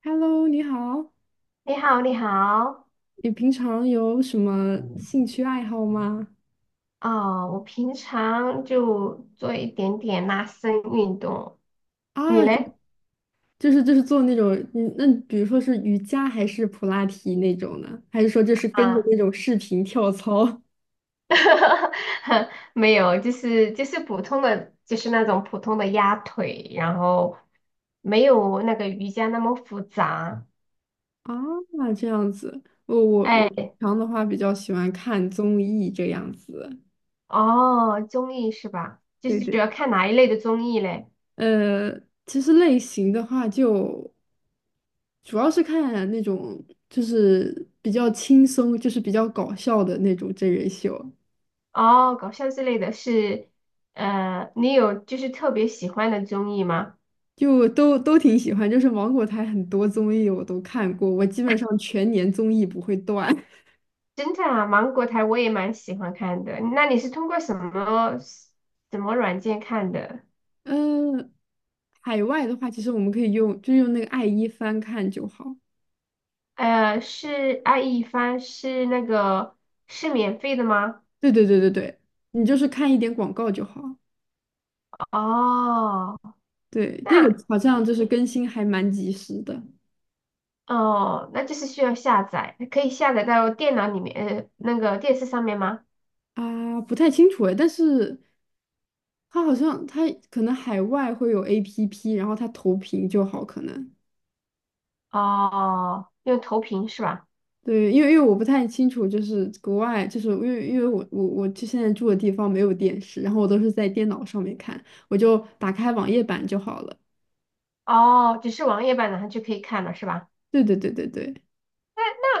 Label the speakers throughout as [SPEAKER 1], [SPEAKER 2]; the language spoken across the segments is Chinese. [SPEAKER 1] Hello，你好，
[SPEAKER 2] 你好，你好。
[SPEAKER 1] 你平常有什么兴趣爱好吗？
[SPEAKER 2] 哦，我平常就做一点点拉伸运动。你
[SPEAKER 1] 啊，
[SPEAKER 2] 嘞？
[SPEAKER 1] 就是做那种，那比如说是瑜伽还是普拉提那种呢？还是说就是跟着
[SPEAKER 2] 啊，
[SPEAKER 1] 那种视频跳操？
[SPEAKER 2] 没有，就是普通的，就是那种普通的压腿，然后没有那个瑜伽那么复杂。
[SPEAKER 1] 啊，这样子，我平
[SPEAKER 2] 哎，
[SPEAKER 1] 常的话比较喜欢看综艺这样子。
[SPEAKER 2] 哦，综艺是吧？就
[SPEAKER 1] 对
[SPEAKER 2] 是主
[SPEAKER 1] 对，
[SPEAKER 2] 要看哪一类的综艺嘞？
[SPEAKER 1] 呃，其实类型的话就主要是看那种就是比较轻松，就是比较搞笑的那种真人秀。
[SPEAKER 2] 哦，搞笑之类的是，你有就是特别喜欢的综艺吗？
[SPEAKER 1] 就都挺喜欢，就是芒果台很多综艺我都看过，我基本上全年综艺不会断。
[SPEAKER 2] 侦探啊，芒果台我也蛮喜欢看的。那你是通过什么软件看的？
[SPEAKER 1] 嗯，海外的话，其实我们可以用，就用那个爱一翻看就好。
[SPEAKER 2] 是爱一帆是那个是免费的吗？
[SPEAKER 1] 对对对对对，你就是看一点广告就好。
[SPEAKER 2] 哦，
[SPEAKER 1] 对，这个
[SPEAKER 2] 那
[SPEAKER 1] 好像就是更新还蛮及时的
[SPEAKER 2] 哦，那就是需要下载，可以下载到电脑里面，那个电视上面吗？
[SPEAKER 1] 啊，不太清楚哎，但是它好像可能海外会有 APP，然后它投屏就好，可能。
[SPEAKER 2] 哦，用投屏是吧？
[SPEAKER 1] 对，因为我不太清楚，就是国外，就是因为我就现在住的地方没有电视，然后我都是在电脑上面看，我就打开网页版就好了。
[SPEAKER 2] 哦，只是网页版然后就可以看了是吧？
[SPEAKER 1] 对对对对对，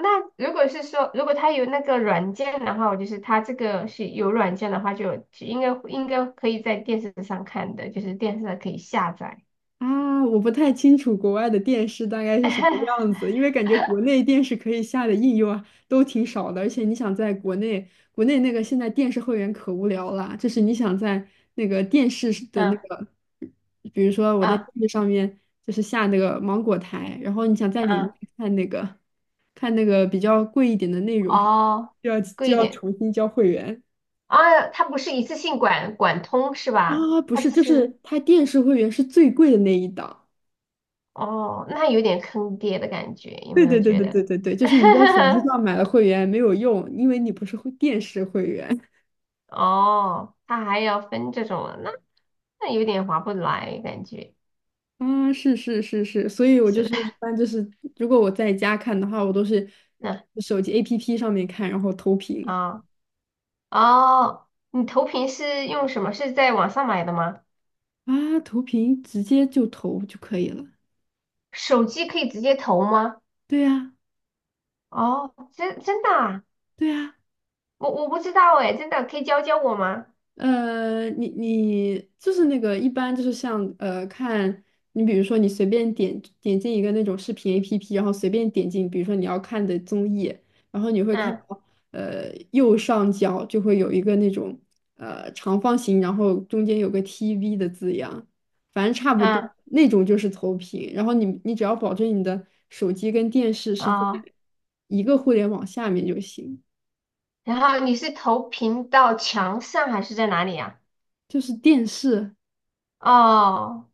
[SPEAKER 2] 那如果是说，如果它有那个软件的话，我就是它这个是有软件的话就，就应该可以在电视上看的，就是电视上可以下载。
[SPEAKER 1] 啊，我不太清楚国外的电视大概是什么样 子，因为感觉国内电视可以下的应用啊都挺少的，而且你想在国内，国内那个现在电视会员可无聊了，就是你想在那个电视是的那
[SPEAKER 2] 嗯。
[SPEAKER 1] 个，比如说我在电
[SPEAKER 2] 啊。
[SPEAKER 1] 视上面就是下那个芒果台，然后你想在里面
[SPEAKER 2] 啊。
[SPEAKER 1] 看那个看那个比较贵一点的内容，
[SPEAKER 2] 哦，
[SPEAKER 1] 就要就
[SPEAKER 2] 贵一
[SPEAKER 1] 要
[SPEAKER 2] 点。
[SPEAKER 1] 重新交会员
[SPEAKER 2] 啊，它不是一次性管通是吧？
[SPEAKER 1] 啊，不
[SPEAKER 2] 它
[SPEAKER 1] 是，
[SPEAKER 2] 只
[SPEAKER 1] 就
[SPEAKER 2] 是
[SPEAKER 1] 是它电视会员是最贵的那一档。
[SPEAKER 2] 哦，那有点坑爹的感觉，有
[SPEAKER 1] 对
[SPEAKER 2] 没有
[SPEAKER 1] 对对
[SPEAKER 2] 觉
[SPEAKER 1] 对对
[SPEAKER 2] 得？
[SPEAKER 1] 对对，就是你在手机上 买了会员没有用，因为你不是会电视会员。
[SPEAKER 2] 哦，它还要分这种了，那那有点划不来感觉。
[SPEAKER 1] 啊，是是是是，所以我就
[SPEAKER 2] 是。
[SPEAKER 1] 是一般就是，如果我在家看的话，我都是
[SPEAKER 2] 那
[SPEAKER 1] 手机 APP 上面看，然后投屏
[SPEAKER 2] 啊。哦，你投屏是用什么？是在网上买的吗？
[SPEAKER 1] 啊，投屏直接就投就可以了。
[SPEAKER 2] 手机可以直接投吗？
[SPEAKER 1] 对呀，
[SPEAKER 2] 哦，真的啊，
[SPEAKER 1] 对呀。
[SPEAKER 2] 我不知道哎，真的可以教教我吗？
[SPEAKER 1] 你就是那个一般就是像看你比如说你随便点进一个那种视频 APP，然后随便点进，比如说你要看的综艺，然后你会看
[SPEAKER 2] 嗯。
[SPEAKER 1] 到右上角就会有一个那种长方形，然后中间有个 TV 的字样，反正差不多
[SPEAKER 2] 嗯。
[SPEAKER 1] 那种就是投屏，然后你只要保证你的手机跟电视是在
[SPEAKER 2] 哦，
[SPEAKER 1] 一个互联网下面就行，
[SPEAKER 2] 然后你是投屏到墙上还是在哪里呀？
[SPEAKER 1] 就是电视，
[SPEAKER 2] 哦，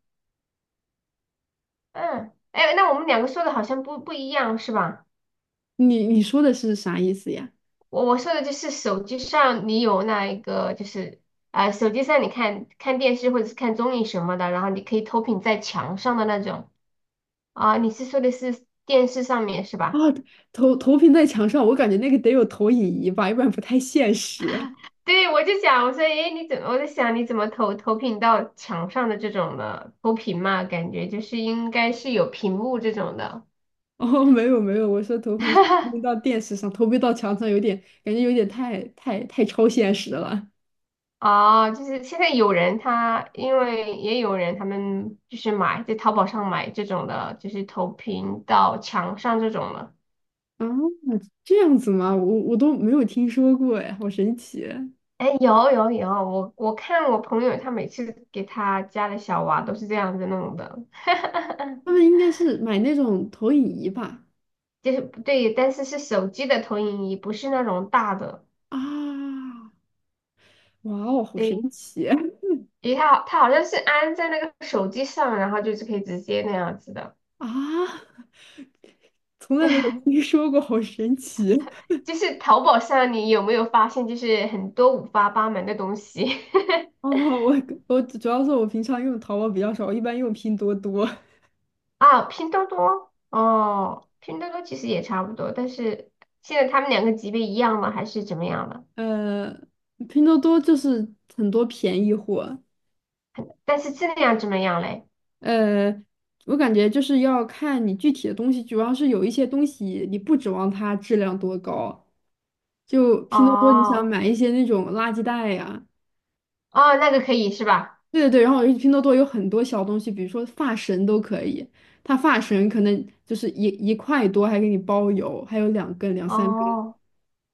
[SPEAKER 2] 嗯，哎，那我们两个说的好像不一样是吧？
[SPEAKER 1] 你说的是啥意思呀？
[SPEAKER 2] 我说的就是手机上你有那一个就是手机上你看看电视或者是看综艺什么的，然后你可以投屏在墙上的那种。啊，你是说的是电视上面是
[SPEAKER 1] 啊，
[SPEAKER 2] 吧？
[SPEAKER 1] 投投屏在墙上，我感觉那个得有投影仪吧，要不然不太现实。
[SPEAKER 2] 对，我就想，我说，诶，你怎么？我在想，你怎么投屏到墙上的这种的投屏嘛？感觉就是应该是有屏幕这种的。
[SPEAKER 1] 哦，没有没有，我说投屏是投屏到电视上，投屏到墙上有点感觉有点太超现实了
[SPEAKER 2] 哦，就是现在有人他，因为也有人他们就是买在淘宝上买这种的，就是投屏到墙上这种的。
[SPEAKER 1] 啊，这样子吗？我都没有听说过哎，好神奇。
[SPEAKER 2] 哎，有有有，我看我朋友他每次给他家的小娃都是这样子弄的。
[SPEAKER 1] 他们应该是买那种投影仪吧？
[SPEAKER 2] 就是对，但是是手机的投影仪，不是那种大的。
[SPEAKER 1] 啊，哇哦，好神
[SPEAKER 2] 对，
[SPEAKER 1] 奇
[SPEAKER 2] 因为它好它好像是安在那个手机上，然后就是可以直接那样子的。
[SPEAKER 1] 啊！从来没有听 说过，好神奇。
[SPEAKER 2] 就是淘宝上，你有没有发现，就是很多五花八门的东西。
[SPEAKER 1] 哦，我我主要是我平常用淘宝比较少，我一般用拼多多。
[SPEAKER 2] 啊？拼多多哦，拼多多其实也差不多，但是现在他们两个级别一样吗？还是怎么样的？
[SPEAKER 1] 呃，拼多多就是很多便宜货，
[SPEAKER 2] 但是质量怎么样嘞？
[SPEAKER 1] 呃，我感觉就是要看你具体的东西，主要是有一些东西你不指望它质量多高，就拼多多你想
[SPEAKER 2] 哦
[SPEAKER 1] 买一些那种垃圾袋呀，
[SPEAKER 2] 哦，那个可以是吧？
[SPEAKER 1] 对对对，然后拼多多有很多小东西，比如说发绳都可以，它发绳可能就是一块多还给你包邮，还有两根两三根。
[SPEAKER 2] 哦，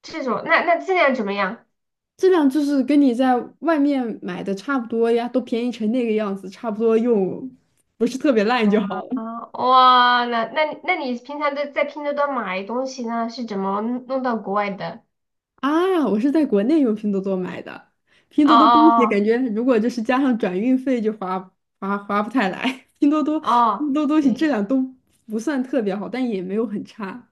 [SPEAKER 2] 这种，那质量怎么样？
[SPEAKER 1] 质量就是跟你在外面买的差不多呀，都便宜成那个样子，差不多用，不是特别烂就好
[SPEAKER 2] 啊，
[SPEAKER 1] 了。
[SPEAKER 2] 哇，那你平常都在拼多多买东西呢？是怎么弄到国外的？
[SPEAKER 1] 啊，我是在国内用拼多多买的，拼
[SPEAKER 2] 哦
[SPEAKER 1] 多多东西感
[SPEAKER 2] 哦。
[SPEAKER 1] 觉如果就是加上转运费就划不太来，拼多多
[SPEAKER 2] 哦
[SPEAKER 1] 拼
[SPEAKER 2] 哦。
[SPEAKER 1] 多多东西质
[SPEAKER 2] 对。
[SPEAKER 1] 量都不算特别好，但也没有很差。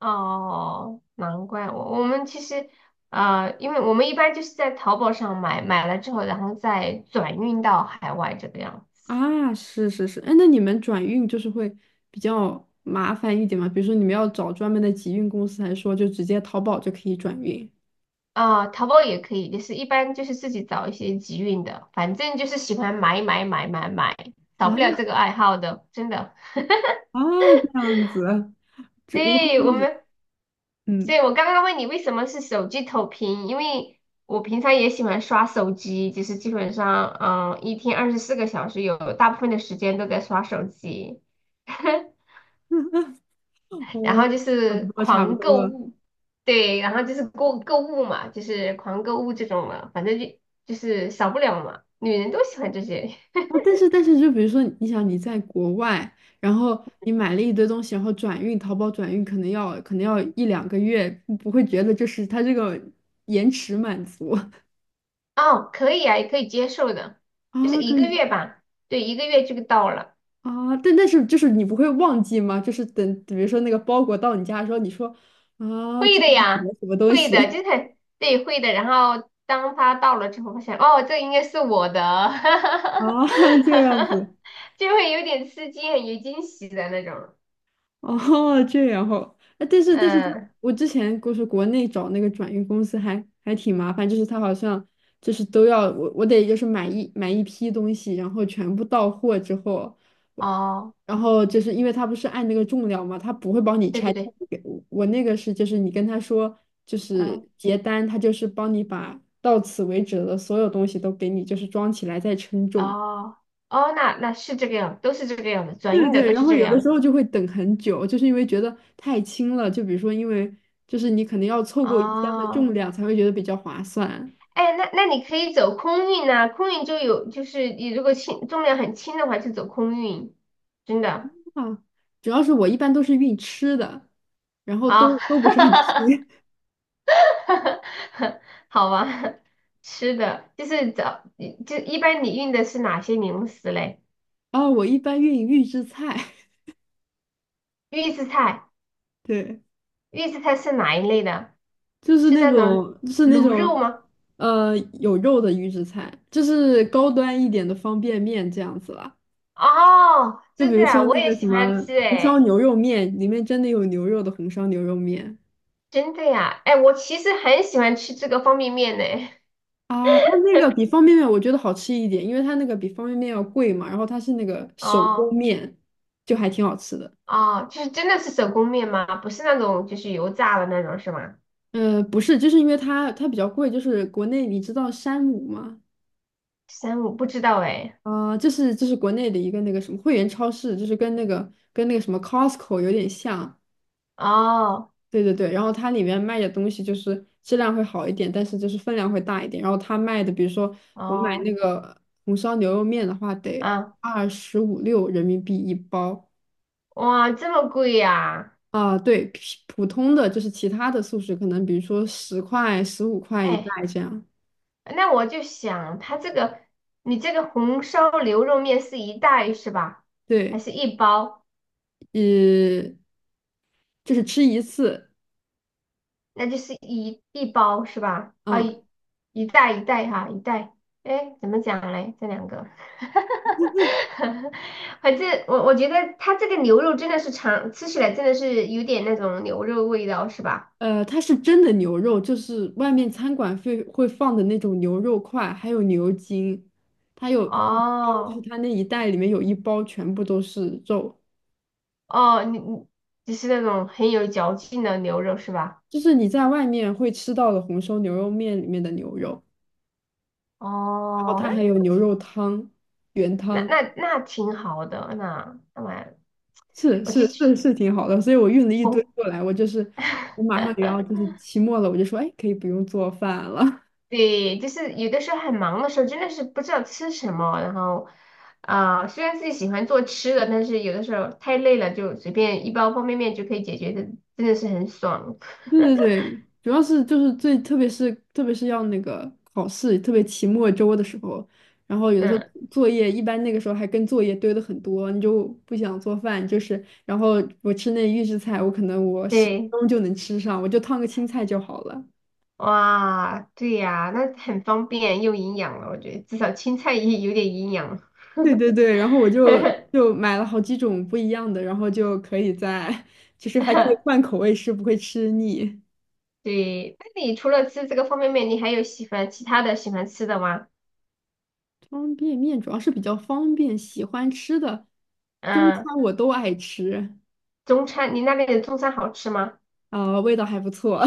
[SPEAKER 2] 哦，难怪我们其实因为我们一般就是在淘宝上买，买了之后，然后再转运到海外这个样子。
[SPEAKER 1] 啊，是是是，哎，那你们转运就是会比较麻烦一点吗？比如说你们要找专门的集运公司，还是说就直接淘宝就可以转运？
[SPEAKER 2] 啊、淘宝也可以，就是一般就是自己找一些集运的，反正就是喜欢买买买买买，少不
[SPEAKER 1] 啊？
[SPEAKER 2] 了这个爱好的，真的。
[SPEAKER 1] 啊，这样子，就我
[SPEAKER 2] 对，我们，所
[SPEAKER 1] 嗯，
[SPEAKER 2] 以我刚刚问你为什么是手机投屏，因为我平常也喜欢刷手机，就是基本上，嗯，一天24个小时有大部分的时间都在刷手机。然
[SPEAKER 1] 哦，
[SPEAKER 2] 后就
[SPEAKER 1] 差不
[SPEAKER 2] 是
[SPEAKER 1] 多差不
[SPEAKER 2] 狂购
[SPEAKER 1] 多
[SPEAKER 2] 物。对，然后就是购物嘛，就是狂购物这种嘛，反正就就是少不了嘛，女人都喜欢这些。
[SPEAKER 1] 啊。但是但是，就比如说，你想你在国外，然后你买了一堆东西，然后转运，淘宝转运可能要一两个月，不会觉得就是它这个延迟满足
[SPEAKER 2] 哦，可以啊，也可以接受的，就是
[SPEAKER 1] 啊，
[SPEAKER 2] 一
[SPEAKER 1] 可
[SPEAKER 2] 个
[SPEAKER 1] 以
[SPEAKER 2] 月吧。对，一个月就到了。
[SPEAKER 1] 啊。但但是就是你不会忘记吗？就是等比如说那个包裹到你家的时候，你说啊，这
[SPEAKER 2] 会
[SPEAKER 1] 是
[SPEAKER 2] 的
[SPEAKER 1] 什
[SPEAKER 2] 呀，
[SPEAKER 1] 么什么东
[SPEAKER 2] 会
[SPEAKER 1] 西
[SPEAKER 2] 的，就是很对，会的。然后当他到了之后，发现哦，这应该是我的。
[SPEAKER 1] 啊？这样子。
[SPEAKER 2] 就会有点吃惊，很有惊喜的那种。
[SPEAKER 1] 哦，这然后，哎，但是但是他，
[SPEAKER 2] 嗯。
[SPEAKER 1] 我之前就是国内找那个转运公司还挺麻烦，就是他好像就是都要我得就是买一批东西，然后全部到货之后，我
[SPEAKER 2] 哦，
[SPEAKER 1] 然后就是因为他不是按那个重量嘛，他不会帮你
[SPEAKER 2] 对
[SPEAKER 1] 拆
[SPEAKER 2] 对
[SPEAKER 1] 件
[SPEAKER 2] 对。
[SPEAKER 1] 给我，我那个是就是你跟他说就
[SPEAKER 2] 嗯。
[SPEAKER 1] 是结单，他就是帮你把到此为止的所有东西都给你就是装起来再称重。
[SPEAKER 2] 哦。哦，那是这个样，都是这个样子，转
[SPEAKER 1] 对
[SPEAKER 2] 运的
[SPEAKER 1] 对，
[SPEAKER 2] 都
[SPEAKER 1] 然
[SPEAKER 2] 是
[SPEAKER 1] 后
[SPEAKER 2] 这个
[SPEAKER 1] 有的
[SPEAKER 2] 样
[SPEAKER 1] 时
[SPEAKER 2] 子。
[SPEAKER 1] 候就会等很久，就是因为觉得太轻了。就比如说，因为就是你可能要凑够一箱的重
[SPEAKER 2] 哦。
[SPEAKER 1] 量才会觉得比较划算
[SPEAKER 2] 哎，那你可以走空运呐，空运就有，就是你如果轻重量很轻的话，就走空运，真的
[SPEAKER 1] 啊。主要是我一般都是运吃的，然后
[SPEAKER 2] 啊。
[SPEAKER 1] 都不是很吃。
[SPEAKER 2] 好吧，吃的就是找，就一般你运的是哪些零食嘞？
[SPEAKER 1] 啊，我一般运预制菜，
[SPEAKER 2] 预制菜。
[SPEAKER 1] 对，
[SPEAKER 2] 预制菜是哪一类的？
[SPEAKER 1] 就是
[SPEAKER 2] 是
[SPEAKER 1] 那
[SPEAKER 2] 那种
[SPEAKER 1] 种就是那
[SPEAKER 2] 卤肉
[SPEAKER 1] 种
[SPEAKER 2] 吗？
[SPEAKER 1] 有肉的预制菜，就是高端一点的方便面这样子啦。
[SPEAKER 2] 哦，
[SPEAKER 1] 就比
[SPEAKER 2] 真的
[SPEAKER 1] 如
[SPEAKER 2] 啊，
[SPEAKER 1] 说
[SPEAKER 2] 我
[SPEAKER 1] 那
[SPEAKER 2] 也
[SPEAKER 1] 个什
[SPEAKER 2] 喜欢
[SPEAKER 1] 么
[SPEAKER 2] 吃
[SPEAKER 1] 红烧
[SPEAKER 2] 诶。
[SPEAKER 1] 牛肉面，里面真的有牛肉的红烧牛肉面。
[SPEAKER 2] 真的呀，哎，我其实很喜欢吃这个方便面呢。
[SPEAKER 1] 啊，它那个比 方便面我觉得好吃一点，因为它那个比方便面要贵嘛，然后它是那个手工
[SPEAKER 2] 哦
[SPEAKER 1] 面，就还挺好吃的。
[SPEAKER 2] 哦，就是真的是手工面吗？不是那种就是油炸的那种是吗？
[SPEAKER 1] 不是，就是因为它比较贵，就是国内你知道山姆吗？
[SPEAKER 2] 三五不知道哎。
[SPEAKER 1] 啊、这是国内的一个那个什么会员超市，就是跟那个跟那个什么 Costco 有点像，
[SPEAKER 2] 哦
[SPEAKER 1] 对对对。然后它里面卖的东西就是质量会好一点，但是就是分量会大一点。然后它卖的，比如说我买那
[SPEAKER 2] 哦。
[SPEAKER 1] 个红烧牛肉面的话，得
[SPEAKER 2] 啊，
[SPEAKER 1] 25、6人民币一包，
[SPEAKER 2] 哇，这么贵呀。
[SPEAKER 1] 啊，对，普通的就是其他的素食，可能比如说10块、15块一袋
[SPEAKER 2] 哎。
[SPEAKER 1] 这样。
[SPEAKER 2] 那我就想，它这个你这个红烧牛肉面是一袋是吧？还
[SPEAKER 1] 对，
[SPEAKER 2] 是一包？
[SPEAKER 1] 呃，就是吃一次，
[SPEAKER 2] 那就是一包是吧？啊、
[SPEAKER 1] 嗯，
[SPEAKER 2] 一一袋一袋哈，一袋。哎，怎么讲嘞？这两个，反正我我觉得它这个牛肉真的是尝吃起来真的是有点那种牛肉味道是吧？
[SPEAKER 1] 它是真的牛肉，就是外面餐馆会放的那种牛肉块，还有牛筋，它有一包，就是
[SPEAKER 2] 哦
[SPEAKER 1] 它那一袋里面有一包全部都是肉，
[SPEAKER 2] 哦，你就是那种很有嚼劲的牛肉是吧？
[SPEAKER 1] 就是你在外面会吃到的红烧牛肉面里面的牛肉，然后
[SPEAKER 2] 哦，
[SPEAKER 1] 它还有牛肉汤，原
[SPEAKER 2] 那
[SPEAKER 1] 汤。
[SPEAKER 2] 那那挺好的，那蛮。
[SPEAKER 1] 是
[SPEAKER 2] 我就
[SPEAKER 1] 是是
[SPEAKER 2] 去
[SPEAKER 1] 是挺好的，所以我运了一堆
[SPEAKER 2] 哦，
[SPEAKER 1] 过来，我就是我马上也要就是期末了，我就说，哎，可以不用做饭了。
[SPEAKER 2] 对，就是有的时候很忙的时候，真的是不知道吃什么，然后虽然自己喜欢做吃的，但是有的时候太累了，就随便一包方便面就可以解决的，真的是很爽。
[SPEAKER 1] 对对对，主要是就是最特别是要那个考试，特别期末周的时候，然后有的时候
[SPEAKER 2] 嗯。
[SPEAKER 1] 作业一般那个时候还跟作业堆的很多，你就不想做饭，就是然后我吃那预制菜，我可能我十分
[SPEAKER 2] 对。
[SPEAKER 1] 钟就能吃上，我就烫个青菜就好了。
[SPEAKER 2] 哇，对呀，那很方便又营养了，我觉得至少青菜也有点营养。
[SPEAKER 1] 对对对，然后我就就买了好几种不一样的，然后就可以在，其实还可以换 口味吃，不会吃腻。
[SPEAKER 2] 对，那你除了吃这个方便面，你还有喜欢其他的喜欢吃的吗？
[SPEAKER 1] 方便面主要是比较方便，喜欢吃的中
[SPEAKER 2] 嗯。
[SPEAKER 1] 餐我都爱吃，
[SPEAKER 2] 中餐，你那边的中餐好吃吗？
[SPEAKER 1] 啊、味道还不错，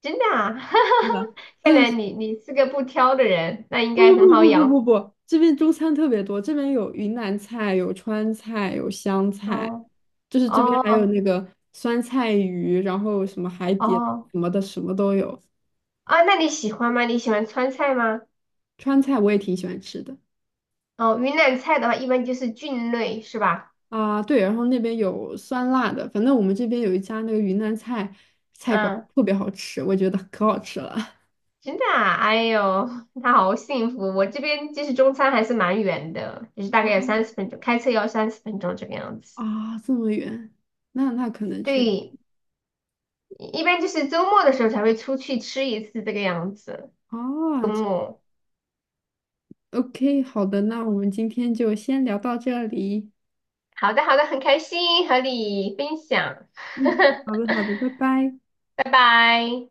[SPEAKER 2] 真的啊？
[SPEAKER 1] 真的。
[SPEAKER 2] 看
[SPEAKER 1] 这
[SPEAKER 2] 来你是个不挑的人，那应
[SPEAKER 1] 不
[SPEAKER 2] 该很
[SPEAKER 1] 不
[SPEAKER 2] 好
[SPEAKER 1] 不不不
[SPEAKER 2] 养。
[SPEAKER 1] 不，这边中餐特别多，这边有云南菜，有川菜，有湘菜，
[SPEAKER 2] 哦
[SPEAKER 1] 就是这边还有
[SPEAKER 2] 哦
[SPEAKER 1] 那个酸菜鱼，然后什么海底
[SPEAKER 2] 哦。
[SPEAKER 1] 什么的，什么都有。
[SPEAKER 2] 啊，那你喜欢吗？你喜欢川菜吗？
[SPEAKER 1] 川菜我也挺喜欢吃的。
[SPEAKER 2] 哦，云南菜的话一般就是菌类是吧？
[SPEAKER 1] 啊，对，然后那边有酸辣的，反正我们这边有一家那个云南菜菜馆
[SPEAKER 2] 嗯。
[SPEAKER 1] 特别好吃，我觉得可好吃了。
[SPEAKER 2] 真的啊，哎呦，那好幸福。我这边其实中餐还是蛮远的，就是大 概有三十
[SPEAKER 1] 啊
[SPEAKER 2] 分钟，开车要三十分钟这个样子。
[SPEAKER 1] 啊，这么远，那那可能去
[SPEAKER 2] 对，一般就是周末的时候才会出去吃一次这个样子，周
[SPEAKER 1] 啊，这
[SPEAKER 2] 末。
[SPEAKER 1] OK，好的，那我们今天就先聊到这里。
[SPEAKER 2] 好的，好的，很开心和你分享。
[SPEAKER 1] 嗯，好 的，好的，拜拜。
[SPEAKER 2] 拜拜。